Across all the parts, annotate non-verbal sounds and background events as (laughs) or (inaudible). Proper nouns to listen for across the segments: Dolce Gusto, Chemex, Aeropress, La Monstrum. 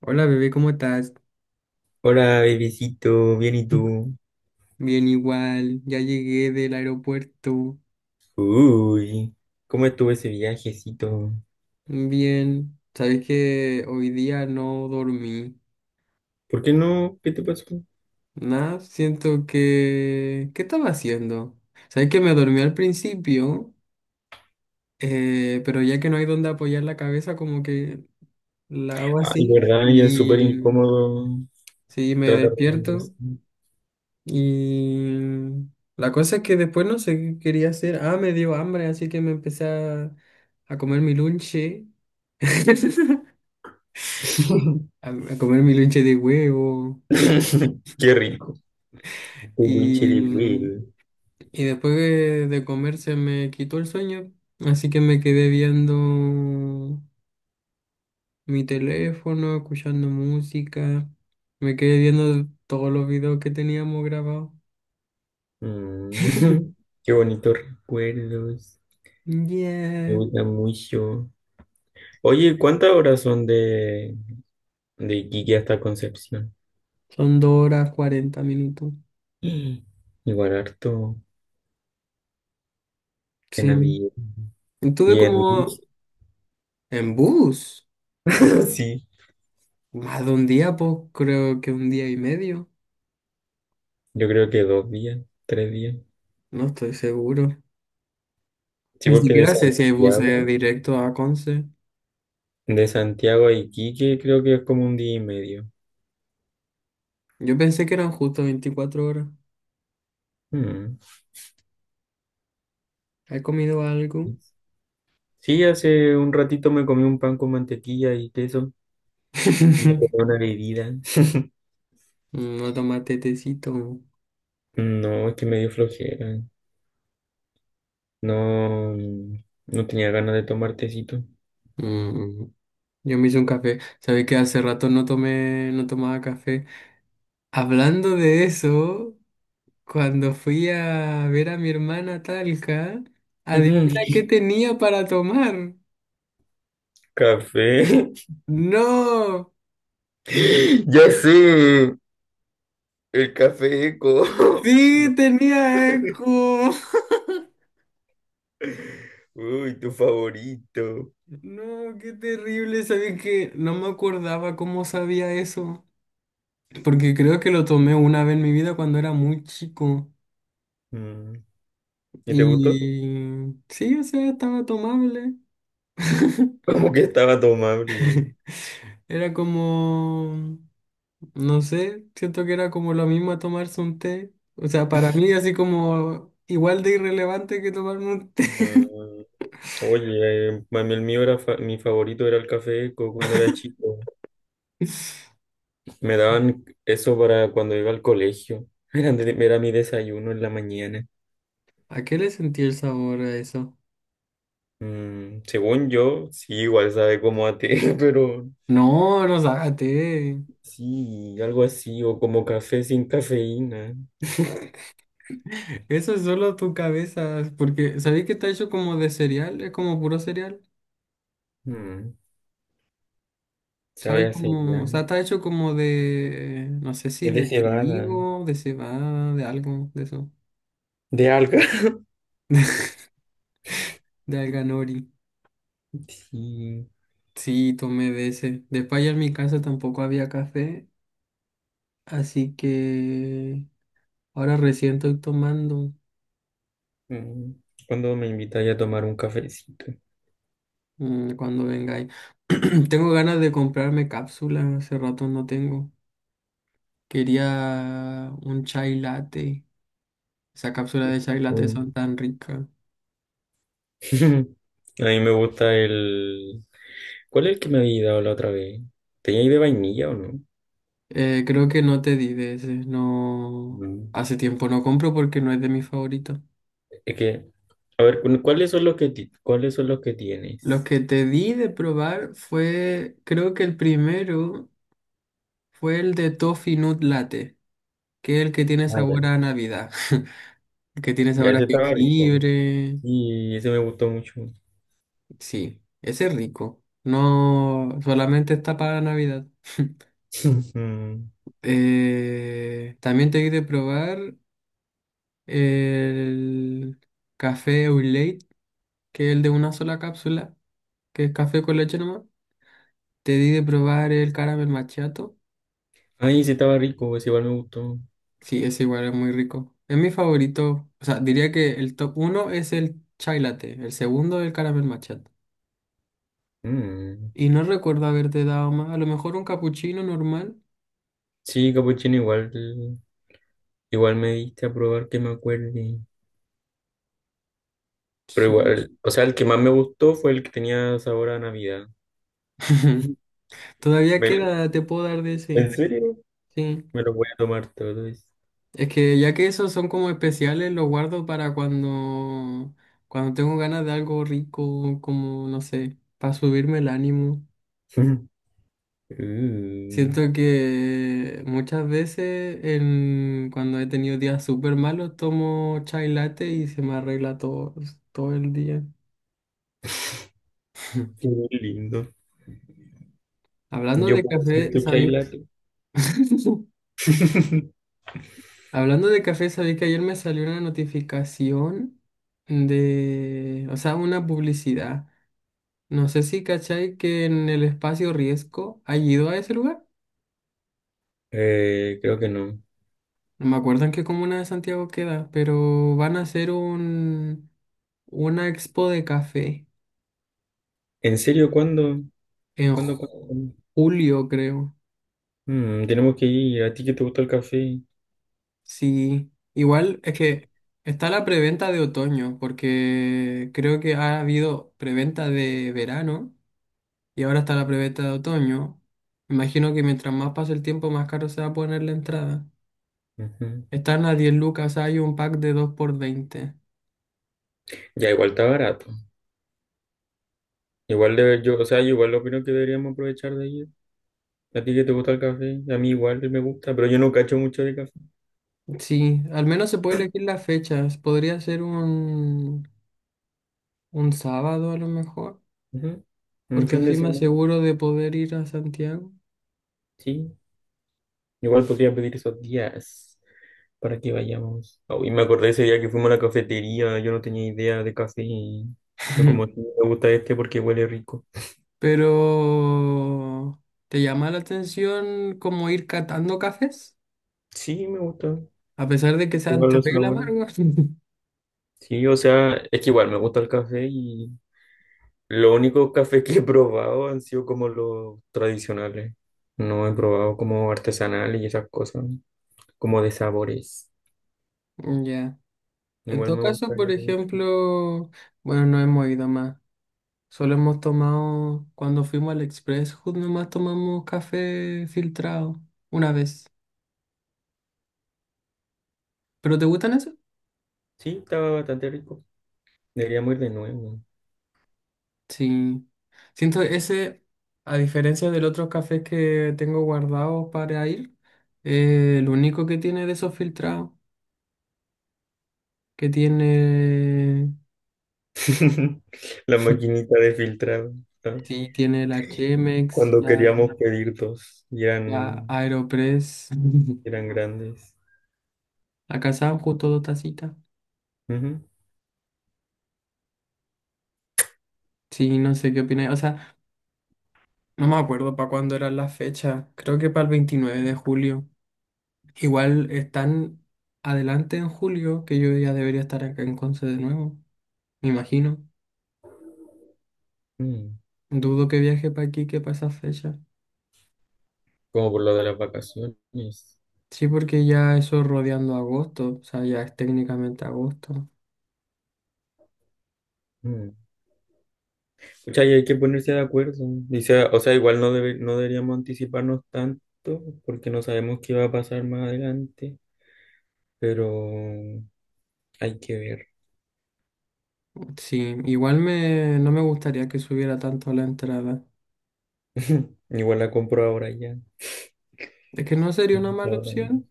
Hola bebé, ¿cómo estás? Hola, bebecito, bien y (clears throat) tú. Bien igual, ya llegué del aeropuerto. Uy, ¿cómo estuvo ese viajecito? Bien, sabes que hoy día no dormí. ¿Por qué no? ¿Qué te pasó? Nada, ¿Qué estaba haciendo? Sabes que me dormí al principio, pero ya que no hay donde apoyar la cabeza, como que la hago Ay, así verdad, y es súper y incómodo sí, me tratar de dormir despierto. así. Y la cosa es que después no sé qué quería hacer. Ah, me dio hambre, así que me empecé a comer mi lunche. (laughs) A comer mi lunche de huevo. (laughs) Qué rico. Un lonche de Y, huevo. y después de comer se me quitó el sueño. Así que me quedé viendo mi teléfono, escuchando música. Me quedé viendo todos los videos que teníamos grabados. Mm. (laughs) (laughs) Qué bonitos recuerdos. Me Yeah. gusta mucho. Oye, ¿cuántas horas son de Iquique hasta Concepción? Son 2 horas 40 minutos. (gasps) Igual harto en Sí. avión. Estuve Y en como bus. en bus, (laughs) Sí. más de un día, pues creo que un día y medio, Yo creo que dos días, tres días. no estoy seguro. Sí, Ni porque siquiera sé si hay buses directos a Conce. de Santiago a Iquique creo que es como un día y medio. Yo pensé que eran justo 24 horas. Mm. ¿Has comido algo? Sí, hace un ratito me comí un pan con mantequilla y queso y me (laughs) tomé una bebida. (laughs) No tomaste tecito. No, es que me dio flojera. No, no tenía ganas de tomar tecito. Mm. Yo me hice un café. Sabes que hace rato no tomé, no tomaba café. Hablando de eso, cuando fui a ver a mi hermana a Talca, adivina qué (laughs) tenía para tomar. Café. No, (laughs) Ya sé, el café eco. (laughs) sí, No. tenía eco. (laughs) Uy, tu favorito. No, qué terrible. Sabía que no me acordaba cómo sabía eso. Porque creo que lo tomé una vez en mi vida cuando era muy chico. Mm. ¿Y te gustó? Y sí, o sea, estaba tomable. (laughs) Como que estaba tomable. Era como, no sé, siento que era como lo mismo a tomarse un té. O sea, para mí así como igual de irrelevante que tomarme un té. No. Oye, a mí el mío era mi favorito era el café Eco cuando era chico. (laughs) Me daban eso para cuando iba al colegio. (laughs) Era, era mi desayuno en la mañana. ¿A qué le sentí el sabor a eso? Mm, según yo, sí, igual sabe como a té, (laughs) pero No, no sácate. sí, algo así, o como café sin cafeína. (laughs) Eso es solo tu cabeza. Porque, ¿sabéis que está hecho como de cereal? Es como puro cereal. Mm, ¿Sabes sabe a como? O cereal. sea, está hecho como de, no sé si Es de de cebada, trigo, de cebada, de algo, de eso. de alga. De alga nori. (laughs) Sí. Sí, tomé de ese. Después allá en mi casa tampoco había café. Así que ahora recién estoy tomando. Mm. ¿Cuándo me invitáis a tomar un cafecito? Cuando vengáis. (clears throat) Tengo ganas de comprarme cápsulas. Hace rato no tengo. Quería un chai latte. Esa cápsula de chai latte son tan ricas. (laughs) A mí me gusta el... ¿Cuál es el que me había dado la otra vez? ¿Tenía ahí de vainilla o no? Creo que no te di de ese. No. Mm. Hace tiempo no compro porque no es de mis favoritos. Es que, a ver, ¿cuáles son cuáles son los que Los tienes? que te di de probar fue. Creo que el primero fue el de Toffee Nut Latte, que es el que tiene Ah, ya. sabor a Navidad. (laughs) El que tiene Ya, sabor a ese estaba rico. jengibre. Y ese me gustó mucho. Sí, ese es rico. No solamente está para Navidad. (laughs) Mm. También te di de probar el café au lait, que es el de una sola cápsula, que es café con leche nomás. Te di de probar el caramel macchiato. Ay, ese estaba rico, ese igual me gustó. Sí, es igual, es muy rico. Es mi favorito. O sea, diría que el top uno es el chai latte, el segundo el caramel macchiato. Mm. Y no recuerdo haberte dado más. A lo mejor un capuchino normal. Sí, capuchino, igual, igual me diste a probar que me acuerde. Pero Sí. igual, o sea, el que más me gustó fue el que tenía sabor a Navidad. (laughs) Todavía Ve- queda, te puedo dar de ese. ¿En serio? Sí. Me lo voy a tomar todo eso. Es que ya que esos son como especiales, los guardo para cuando, cuando tengo ganas de algo rico, como, no sé, para subirme el ánimo. (laughs) Uh, Siento que muchas veces en, cuando he tenido días súper malos, tomo chai latte y se me arregla todo, todo el día. qué (laughs) lindo. Hablando Yo de puedo ser café, tu chai sabía. latte. (laughs) (laughs) Hablando de café, sabía que ayer me salió una notificación de, o sea, una publicidad. No sé si cachai que en el espacio Riesgo ha ido a ese lugar. Creo que no. No me acuerdo en qué comuna de Santiago queda, pero van a hacer un, una expo de café ¿En serio? ¿Cuándo? en ¿Cuándo? ¿Cuándo? ¿Cuándo? julio, creo. Mm, tenemos que ir. ¿A ti que te gusta el café? Sí, igual es que está la preventa de otoño, porque creo que ha habido preventa de verano y ahora está la preventa de otoño. Imagino que mientras más pase el tiempo, más caro se va a poner la entrada. Ujú. Están a 10 lucas, hay un pack de 2 por 20. Ya, igual está barato. Igual de, yo, o sea, yo igual opino que deberíamos aprovechar de ir. ¿A ti que te gusta el café? A mí igual me gusta, pero yo no cacho mucho de café. Sí, al menos se puede elegir las fechas. Podría ser un sábado a lo mejor, Ujú. Un porque fin de así me semana, aseguro de poder ir a Santiago. sí. Igual podría pedir esos días para que vayamos. Oh, y me acordé ese día que fuimos a la cafetería, yo no tenía idea de café y yo como: "Sí, (laughs) me gusta este porque huele rico". Pero, ¿te llama la atención como ir catando cafés? Sí, me gusta. A pesar de que sean Igual los terrible sabores. amargos. (laughs) Sí, o sea, es que igual me gusta el café y los únicos cafés que he probado han sido como los tradicionales. No he probado como artesanales y esas cosas, como de sabores. Ya. En Igual todo me caso, por gustaría mucho. ejemplo, bueno, no hemos ido más. Solo hemos tomado, cuando fuimos al Express, justo nomás tomamos café filtrado una vez. ¿Pero te gustan esos? Sí, estaba bastante rico. Deberíamos ir de nuevo. Sí. Siento ese, a diferencia del otro café que tengo guardado para ir, lo único que tiene de esos filtrados, que tiene, (laughs) La maquinita (laughs) de filtrado, ¿no? sí, tiene la Chemex, Cuando la, queríamos pedir dos y la eran, Aeropress, (laughs) eran grandes. la Kazam, justo dos tacitas. Ujú. Sí, no sé qué opináis. O sea, no me acuerdo para cuándo eran las fechas. Creo que para el 29 de julio. Igual están adelante en julio, que yo ya debería estar acá en Conce de nuevo, me imagino. Mm. Dudo que viaje para aquí que para esa fecha. Como por lo de las vacaciones. Sí, porque ya eso rodeando agosto, o sea, ya es técnicamente agosto. Mm. Pucha, y hay que ponerse de acuerdo. Dice, o sea, igual no, no deberíamos anticiparnos tanto porque no sabemos qué va a pasar más adelante, pero hay que ver. Sí, igual me, no me gustaría que subiera tanto la entrada. (laughs) Igual la compro ahora ya. Es que no sería una mala Ahora. opción.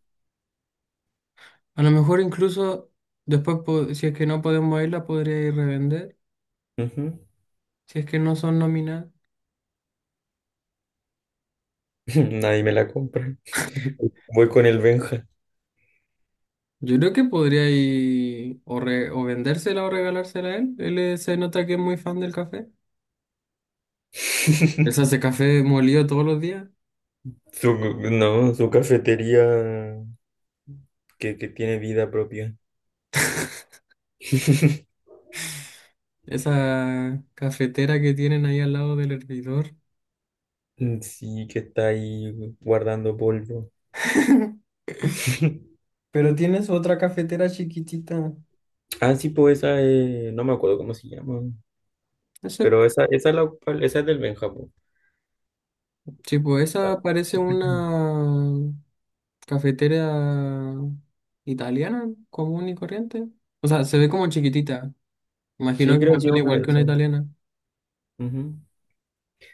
A lo mejor incluso después, si es que no podemos irla, podría ir revender. Ujú. Si es que no son nominadas. (laughs) Nadie me la compra. (laughs) Voy con el Benja. Yo creo que podría ir o vendérsela o regalársela a él. Él se nota que es muy fan del café. Él se (laughs) hace café molido todos los días. Su, no, su cafetería, que tiene vida propia. (laughs) (laughs) Esa cafetera que tienen ahí al lado del hervidor. Sí, que está ahí guardando polvo. (laughs) (laughs) Pero tienes otra cafetera chiquitita. Ah, sí, pues no me acuerdo cómo se llama, Ese, pero esa es del Benjamín. tipo, esa parece una cafetera italiana, común y corriente. O sea, se ve como chiquitita. Imagino Sí, que creo que funciona una igual de que una esas. italiana. Ujú.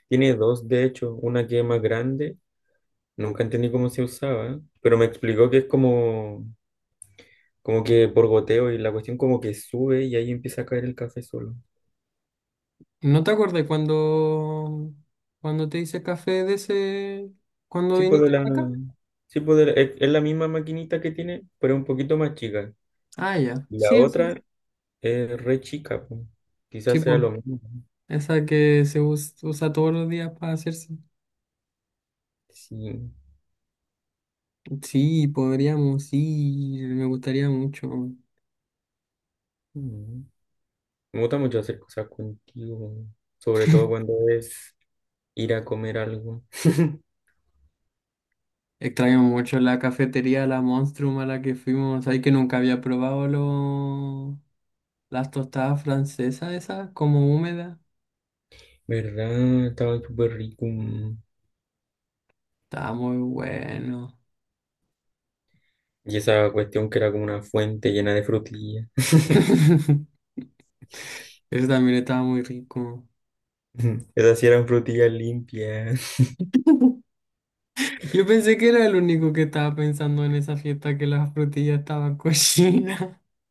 Tiene dos, de hecho, una que es más grande, nunca entendí cómo se usaba, pero me explicó que es como, como que por goteo y la cuestión como que sube y ahí empieza a caer el café solo. ¿No te acordás cuando, cuando te hice café de ese, cuando Sí, pues de viniste la, acá? sí, pues es la misma maquinita que tiene, pero un poquito más chica. Ah, ya. La Sí, sí. otra es re chica, pues. Quizás sea Tipo, lo mismo, ¿no? esa que usa todos los días para hacerse. Sí. Sí, podríamos ir, me gustaría mucho. Mm. Me gusta mucho hacer cosas contigo, sobre todo cuando es ir a comer algo. (laughs) Extraño mucho la cafetería La Monstrum a la que fuimos. Hay que nunca había probado las tostadas francesas esas, como húmedas. ¿Verdad? Estaba súper rico. Mm. Estaba muy bueno. Y esa cuestión que era como una fuente llena de frutillas. (laughs) (laughs) Eso también estaba muy rico. Esas sí eran frutillas limpias. (laughs) Yo pensé que era el único que estaba pensando en esa fiesta que las frutillas estaban (laughs) cochinas.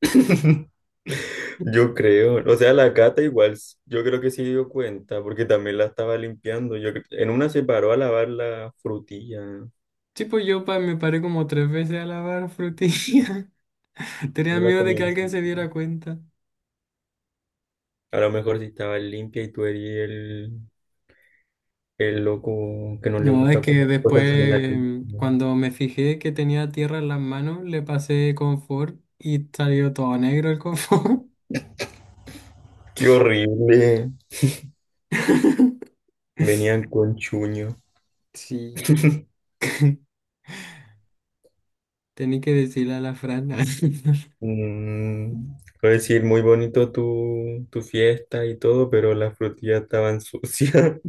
(laughs) Yo creo. O sea, la cata igual, yo creo que se dio cuenta, porque también la estaba limpiando. En una se paró a lavar la frutilla. Tipo, me paré como tres veces a lavar frutillas. (laughs) Tenía No la miedo de que comía. alguien se diera cuenta. A lo mejor si estaba limpia y tú eres el, el loco que no le No, es gusta que comer cosas en la limpia. después, cuando me fijé que tenía tierra en las manos, le pasé confort y salió todo negro el confort. ¡Qué horrible! (laughs) Venían con chuño. Sí, tenía que decirle a la Fran. (laughs) Mm, puedo decir, muy bonito tu, tu fiesta y todo, pero las frutillas estaban sucias.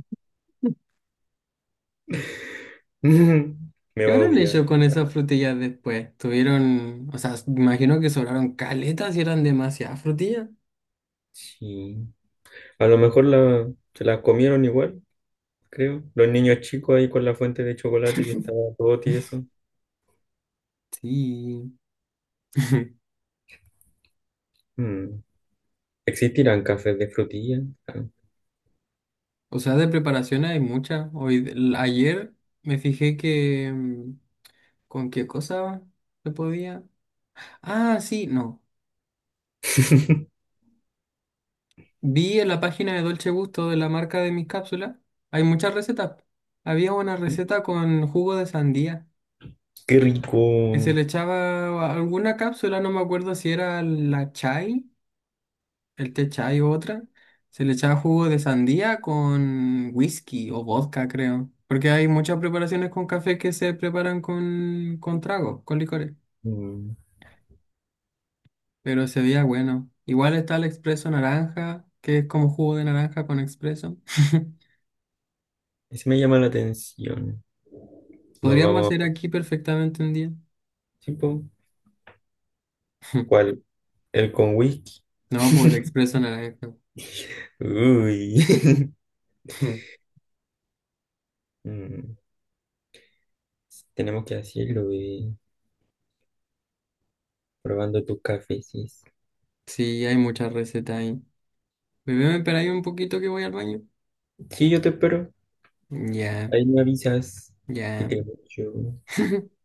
(laughs) Me ¿Qué va a habrán odiar. hecho con esas frutillas después? Tuvieron, o sea, imagino que sobraron caletas y eran demasiadas frutillas. Sí. A lo mejor la, se las comieron igual, creo. Los niños chicos ahí con la fuente de chocolate que estaba todo tieso. Sí. (laughs) Mm. ¿Existirán cafés de frutilla? Ah. O sea, de preparación hay mucha. Ayer me fijé que con qué cosa se podía. Ah, sí, no. (laughs) Vi en la página de Dolce Gusto de la marca de mis cápsulas, hay muchas recetas. Había una receta con jugo de sandía, Qué que se rico. le echaba a alguna cápsula, no me acuerdo si era la chai, el té chai o otra. Se le echaba jugo de sandía con whisky o vodka, creo. Porque hay muchas preparaciones con café que se preparan con tragos, con licores. Mm. Pero se veía bueno. Igual está el expreso naranja, que es como jugo de naranja con expreso. (laughs) Ese me llama la atención. Nos Podríamos vamos hacer a... aquí perfectamente un día. Sí, po. (laughs) ¿Cuál? ¿El con whisky? No, por el expreso naranja. Uy. (laughs) (laughs) Mm, tenemos que hacerlo, bebé. Probando tus cafés. Sí, hay muchas recetas ahí. Bebé, me espera ahí un poquito que voy al baño. Sí, yo te espero. Ya, Ahí me avisas. Te ya. quiero mucho. (laughs)